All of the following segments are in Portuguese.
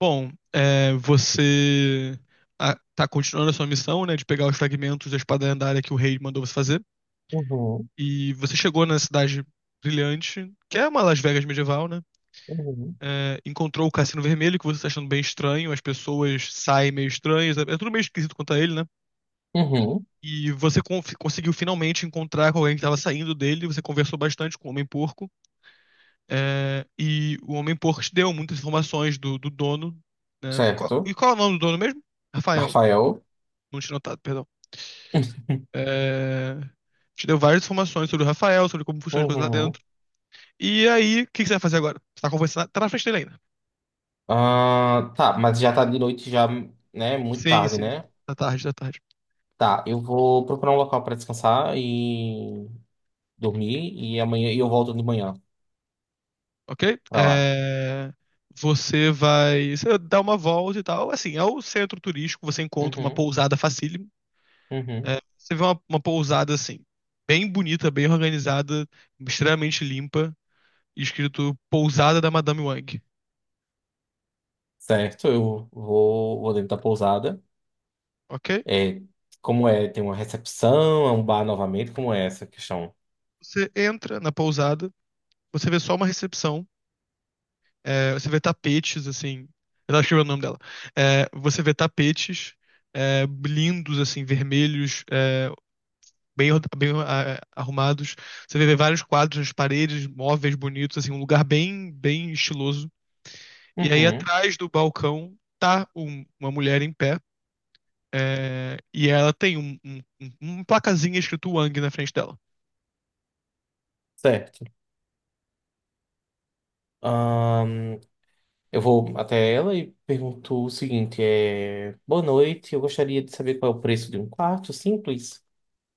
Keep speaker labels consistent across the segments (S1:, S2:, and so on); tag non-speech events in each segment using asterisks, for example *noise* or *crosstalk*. S1: Bom, é, você tá continuando a sua missão, né, de pegar os fragmentos da espada lendária que o rei mandou você fazer.
S2: Uhum,
S1: E você chegou na cidade brilhante, que é uma Las Vegas medieval, né?
S2: uhum,
S1: É, encontrou o Cassino Vermelho, que você tá achando bem estranho, as pessoas saem meio estranhas, é tudo meio esquisito quanto a ele, né?
S2: uhum,
S1: E você conseguiu finalmente encontrar com alguém que estava saindo dele, você conversou bastante com o Homem-Porco, é, e o Homem-Porco te deu muitas informações do dono, né? E
S2: certo.
S1: qual é o nome do dono mesmo? Rafael.
S2: Rafael.
S1: Não tinha notado, perdão. É... Te deu várias informações sobre o Rafael, sobre como funciona as coisas lá
S2: Uhum.
S1: dentro. E aí, o que que você vai fazer agora? Você tá conversando. Tá na frente dele ainda.
S2: Ah, tá, mas já tá de noite, já, né? Muito
S1: Sim,
S2: tarde,
S1: sim, sim.
S2: né?
S1: Da tarde, da tarde.
S2: Tá, eu vou procurar um local pra descansar e dormir e amanhã e eu volto de manhã
S1: Ok?
S2: pra lá.
S1: É... Você vai. Você dá uma volta e tal. Assim, é o centro turístico, você encontra uma
S2: Uhum,
S1: pousada facílimo.
S2: uhum.
S1: É, você vê uma pousada assim, bem bonita, bem organizada, extremamente limpa, escrito Pousada da Madame Wang.
S2: Certo, eu vou dentro da pousada.
S1: Ok?
S2: É, como é? Tem uma recepção, é um bar novamente, como é essa questão?
S1: Você entra na pousada, você vê só uma recepção. É, você vê tapetes, assim. Eu tava escrevendo o nome dela. É, você vê tapetes é, lindos, assim, vermelhos, é, bem arrumados. Você vê vários quadros nas paredes, móveis bonitos, assim, um lugar bem estiloso. E aí,
S2: Uhum,
S1: atrás do balcão, tá uma mulher em pé. É, e ela tem uma placazinha escrito Wang na frente dela.
S2: certo. Eu vou até ela e pergunto o seguinte: é, boa noite, eu gostaria de saber qual é o preço de um quarto simples.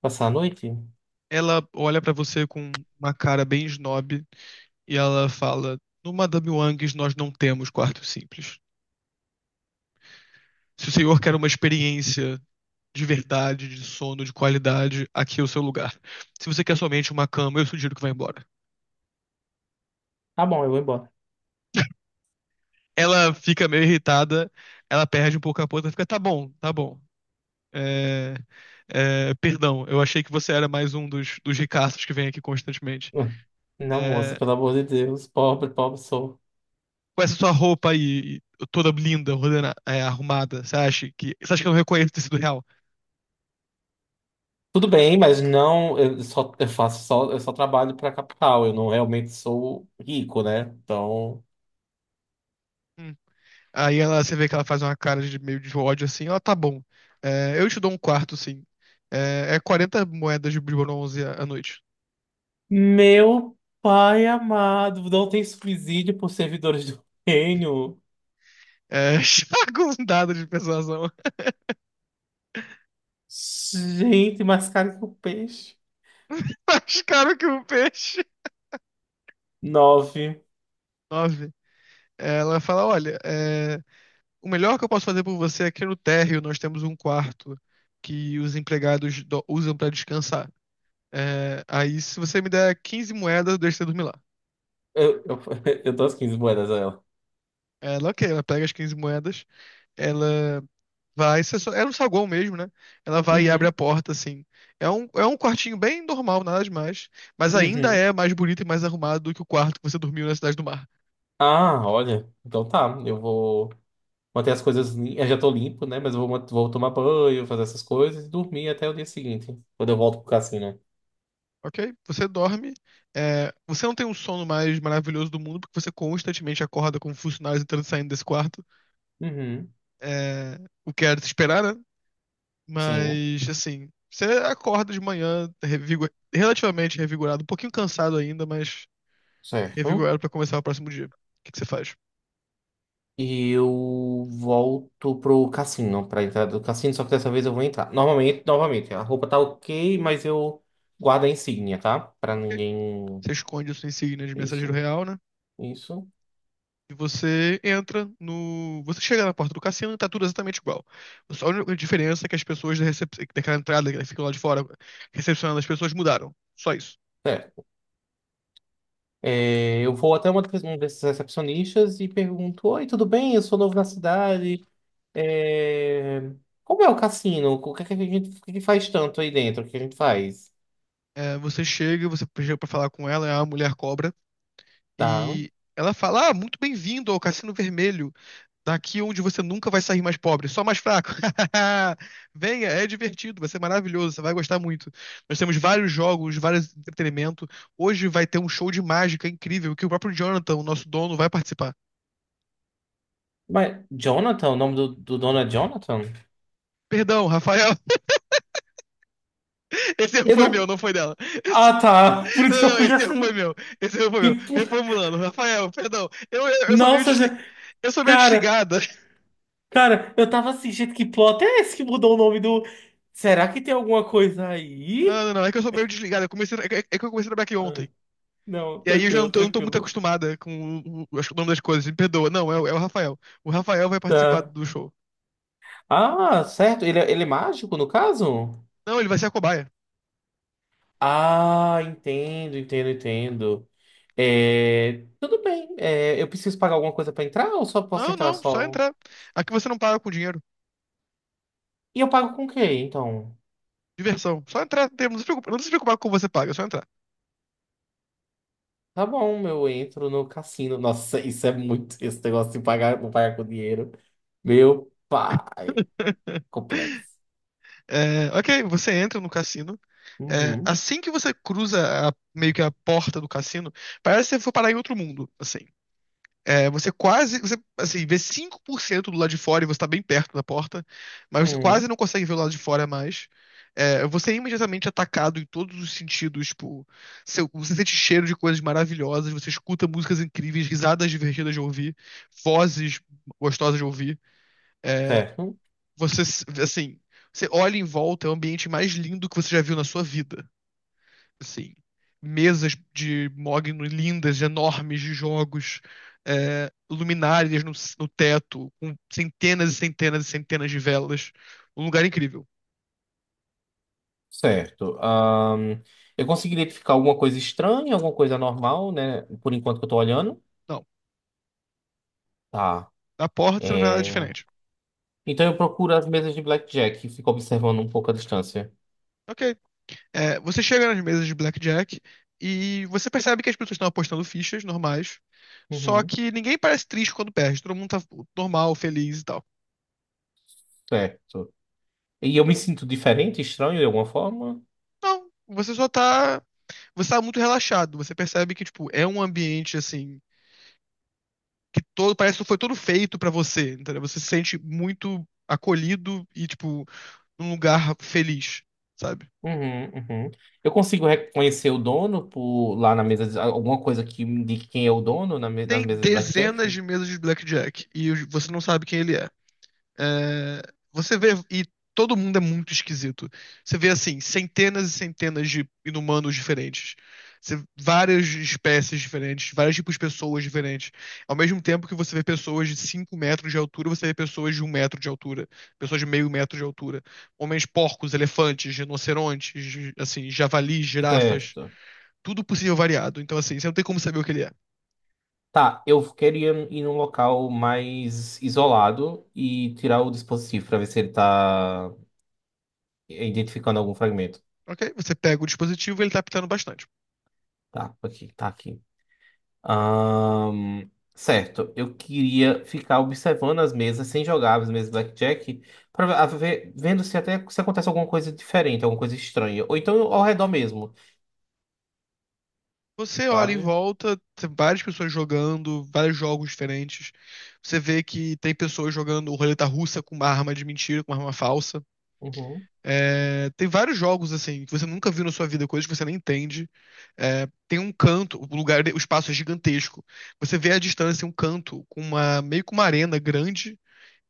S2: Passar a noite?
S1: Ela olha pra você com uma cara bem snob e ela fala: No Madame Wangs nós não temos quartos simples. Se o senhor quer uma experiência de verdade, de sono, de qualidade, aqui é o seu lugar. Se você quer somente uma cama, eu sugiro que vá embora.
S2: Tá bom, eu vou embora.
S1: Ela fica meio irritada, ela perde um pouco a ponta, fica, tá bom, tá bom. É, é, perdão, eu achei que você era mais um dos ricaços que vem aqui constantemente.
S2: *laughs* Não, moça,
S1: É,
S2: pelo amor de Deus, pobre, pobre sou.
S1: com essa sua roupa aí, toda linda, arrumada, você acha que. Você acha que eu não reconheço o tecido real?
S2: Tudo bem, mas não, eu só eu faço só, eu só trabalho para capital, eu não realmente sou rico, né? Então,
S1: Hum. Aí ela, você vê que ela faz uma cara de meio de ódio assim, ó, tá bom. É, eu te dou um quarto, sim. É, é 40 moedas de bronze à noite.
S2: meu pai amado, não tem subsídio por servidores do reino.
S1: É, *laughs* joga um dado de persuasão.
S2: Gente, mais caro que o peixe.
S1: *laughs* Mais caro que um peixe.
S2: Nove.
S1: Nove. Ela fala, olha, é, o melhor que eu posso fazer por você é que no térreo nós temos um quarto que os empregados usam pra descansar. É, aí se você me der 15 moedas, eu deixo você dormir lá.
S2: Eu, *laughs* eu dou as 15 moedas a ela.
S1: Ela, ok, ela pega as 15 moedas, ela vai, isso é só- era um saguão mesmo, né? Ela vai e abre a
S2: Uhum,
S1: porta, assim. É um quartinho bem normal, nada demais. Mas ainda
S2: uhum.
S1: é mais bonito e mais arrumado do que o quarto que você dormiu na Cidade do Mar,
S2: Ah, olha. Então tá, eu vou manter as coisas limpas. Eu já tô limpo, né? Mas eu vou tomar banho, fazer essas coisas e dormir até o dia seguinte, quando eu volto pro cassino.
S1: ok? Você dorme, é, você não tem um sono mais maravilhoso do mundo, porque você constantemente acorda com funcionários entrando e saindo desse quarto.
S2: Uhum,
S1: É, o que era de se esperar, né?
S2: sim,
S1: Mas, assim, você acorda de manhã relativamente revigorado, um pouquinho cansado ainda, mas
S2: certo.
S1: revigorado pra começar o próximo dia. O que que você faz?
S2: E eu volto pro cassino, pra entrada do cassino, só que dessa vez eu vou entrar. Normalmente, novamente, a roupa tá ok, mas eu guardo a insígnia, tá? Pra
S1: Ok?
S2: ninguém.
S1: Você esconde a sua insígnia de mensageiro
S2: Isso,
S1: real, né?
S2: isso.
S1: E você entra no. Você chega na porta do cassino e tá tudo exatamente igual. Só a única diferença é que as pessoas da daquela entrada que ficam lá de fora recepcionando as pessoas mudaram. Só isso.
S2: Certo. É, eu vou até um desses recepcionistas e pergunto: oi, tudo bem? Eu sou novo na cidade. É, como é o cassino? O que é que a gente, o que é que faz tanto aí dentro? O que a gente faz?
S1: É, você chega pra falar com ela, é a mulher cobra,
S2: Tá.
S1: e ela fala: Ah, muito bem-vindo ao Cassino Vermelho. Daqui onde você nunca vai sair mais pobre, só mais fraco. *laughs* Venha, é divertido, vai ser maravilhoso, você vai gostar muito. Nós temos vários jogos, vários entretenimento. Hoje vai ter um show de mágica incrível que o próprio Jonathan, o nosso dono, vai participar.
S2: Mas Jonathan, o nome do dono é Jonathan?
S1: Perdão, Rafael. *laughs* Esse erro
S2: Eu
S1: foi meu,
S2: não.
S1: não foi dela. *laughs* Esse-
S2: Ah, tá. *laughs* Por isso que
S1: Não,
S2: eu
S1: não,
S2: fui
S1: esse erro foi
S2: assim.
S1: meu. Esse erro foi
S2: Que...
S1: meu.
S2: pl-
S1: Reformulando, Rafael, perdão. Eu sou meio
S2: Nossa,
S1: desligada.
S2: já-
S1: Eu sou meio
S2: cara,
S1: desligada. *laughs*
S2: cara, eu tava assim, gente, que plot é esse que mudou o nome do. Será que tem alguma coisa
S1: Não,
S2: aí?
S1: não, não. É que eu sou meio desligada. Eu comecei, é que eu comecei a trabalhar aqui
S2: Ah,
S1: ontem.
S2: não,
S1: E aí eu já não
S2: tranquilo,
S1: tô, eu não tô muito
S2: tranquilo.
S1: acostumada com o- acho que o nome das coisas. Me perdoa. Não, é, o- é o Rafael. O Rafael vai participar
S2: Tá.
S1: do show.
S2: Ah, certo. Ele, ele é mágico, no caso?
S1: Não, ele vai ser a cobaia.
S2: Ah, entendo, entendo, entendo. É, tudo bem. É, eu preciso pagar alguma coisa pra entrar ou só posso
S1: Não,
S2: entrar
S1: não, só
S2: só?
S1: entrar. Aqui você não paga com dinheiro.
S2: E eu pago com o quê, então?
S1: Diversão. Só entrar. Não se preocupa, não se preocupar com o que você paga, é só entrar.
S2: Tá bom, eu entro no cassino. Nossa, *laughs* isso é muito. Esse negócio de pagar, vou pagar com dinheiro. Meu pai.
S1: *laughs*
S2: Complexo.
S1: É, ok, você entra no cassino. É,
S2: Uhum.
S1: assim que você cruza meio que a porta do cassino, parece que você for parar em outro mundo, assim. É, você quase, você, assim, vê 5% do lado de fora e você tá bem perto da porta, mas você quase
S2: Uhum.
S1: não consegue ver o lado de fora mais. É, você é imediatamente atacado em todos os sentidos, tipo, seu- você sente cheiro de coisas maravilhosas, você escuta músicas incríveis, risadas divertidas de ouvir, vozes gostosas de ouvir. É,
S2: Certo.
S1: você, assim, você olha em volta, é o ambiente mais lindo que você já viu na sua vida. Sim. Mesas de mogno lindas, enormes de jogos, é, luminárias no teto, com centenas e centenas e centenas de velas. Um lugar incrível.
S2: Certo. Eu consegui identificar alguma coisa estranha, alguma coisa normal, né? Por enquanto que eu tô olhando.
S1: Não,
S2: Tá.
S1: na porta você não vê nada
S2: É,
S1: diferente.
S2: então eu procuro as mesas de blackjack e fico observando um pouco a distância.
S1: Ok. É, você chega nas mesas de blackjack e você percebe que as pessoas estão apostando fichas normais, só
S2: Uhum,
S1: que ninguém parece triste quando perde. Todo mundo tá normal, feliz e tal.
S2: certo. E eu me sinto diferente, estranho de alguma forma?
S1: Não, você só tá. Você tá muito relaxado. Você percebe que, tipo, é um ambiente assim que todo, parece que foi todo feito pra você, entendeu? Você se sente muito acolhido e, tipo, num lugar feliz, sabe?
S2: Uhum, uhum. Eu consigo reconhecer o dono por lá na mesa, alguma coisa que me indique quem é o dono nas
S1: Tem
S2: mesas de
S1: dezenas
S2: blackjack?
S1: de mesas de blackjack e você não sabe quem ele é. É, você vê, e todo mundo é muito esquisito. Você vê, assim, centenas e centenas de inumanos diferentes. Você- várias espécies diferentes, vários tipos de pessoas diferentes. Ao mesmo tempo que você vê pessoas de 5 metros de altura, você vê pessoas de um metro de altura, pessoas de meio metro de altura. Homens porcos, elefantes, rinocerontes, assim, javalis, girafas,
S2: Certo.
S1: tudo possível variado. Então, assim, você não tem como saber o que ele é.
S2: Tá, eu queria ir num local mais isolado e tirar o dispositivo para ver se ele tá identificando algum fragmento.
S1: Ok? Você pega o dispositivo e ele tá apitando bastante.
S2: Tá, aqui, tá aqui. Certo, eu queria ficar observando as mesas sem jogar as mesas Blackjack, para ver, vendo se até se acontece alguma coisa diferente, alguma coisa estranha, ou então ao redor mesmo,
S1: Você olha em
S2: sabe?
S1: volta, tem várias pessoas jogando, vários jogos diferentes. Você vê que tem pessoas jogando roleta russa com uma arma de mentira, com uma arma falsa.
S2: Uhum,
S1: É, tem vários jogos assim que você nunca viu na sua vida, coisas que você nem entende. É, tem um canto, o lugar, o espaço é gigantesco. Você vê à distância um canto com uma meio que uma arena grande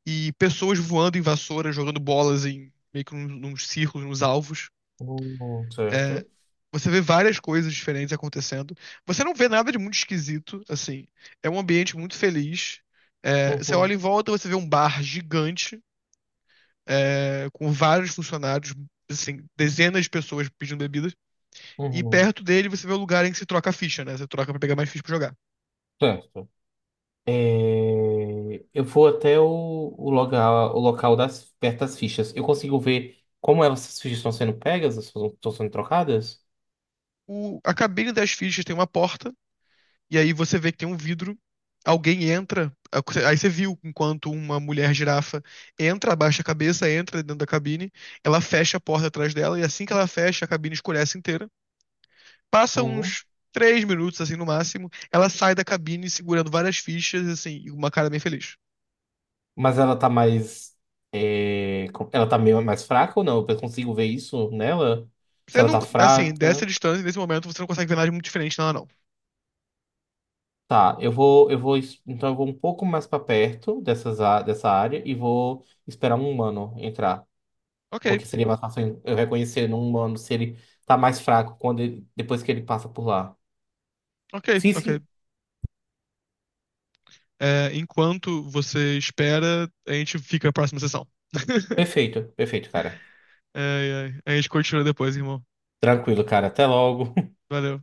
S1: e pessoas voando em vassoura, jogando bolas em meio que nos círculos, nos alvos.
S2: uhum, certo.
S1: Você vê várias coisas diferentes acontecendo. Você não vê nada de muito esquisito, assim. É um ambiente muito feliz. É, você olha
S2: Uhum,
S1: em volta, você vê um bar gigante, é, com vários funcionários, assim, dezenas de pessoas pedindo bebidas. E
S2: uhum,
S1: perto dele você vê o lugar em que se troca a ficha, né? Você troca pra pegar mais ficha pra jogar.
S2: certo. É, eu vou até o local, perto das fichas. Eu consigo ver como essas fichas estão sendo pegas, estão sendo trocadas?
S1: O, a cabine das fichas tem uma porta. E aí você vê que tem um vidro, alguém entra, aí você viu enquanto uma mulher girafa entra, abaixa a cabeça, entra dentro da cabine, ela fecha a porta atrás dela, e assim que ela fecha, a cabine escurece inteira. Passa uns 3 minutos, assim, no máximo, ela sai da cabine segurando várias fichas, assim, e uma cara bem feliz.
S2: Mas ela tá mais, é, ela tá meio mais fraca ou não? Eu consigo ver isso nela? Se
S1: Você
S2: ela
S1: não,
S2: tá
S1: assim, dessa
S2: fraca.
S1: distância, nesse momento, você não consegue ver nada de muito diferente nela, não.
S2: Tá, então eu vou um pouco mais pra perto dessas, dessa área e vou esperar um humano entrar,
S1: Ok,
S2: porque seria mais fácil eu reconhecer num humano se ele tá mais fraco depois que ele passa por lá.
S1: ok,
S2: Sim,
S1: ok.
S2: sim,
S1: É, enquanto você espera, a gente fica na próxima sessão. *laughs*
S2: perfeito, perfeito, cara.
S1: É, é, a gente continua depois, irmão.
S2: Tranquilo, cara. Até logo.
S1: Valeu.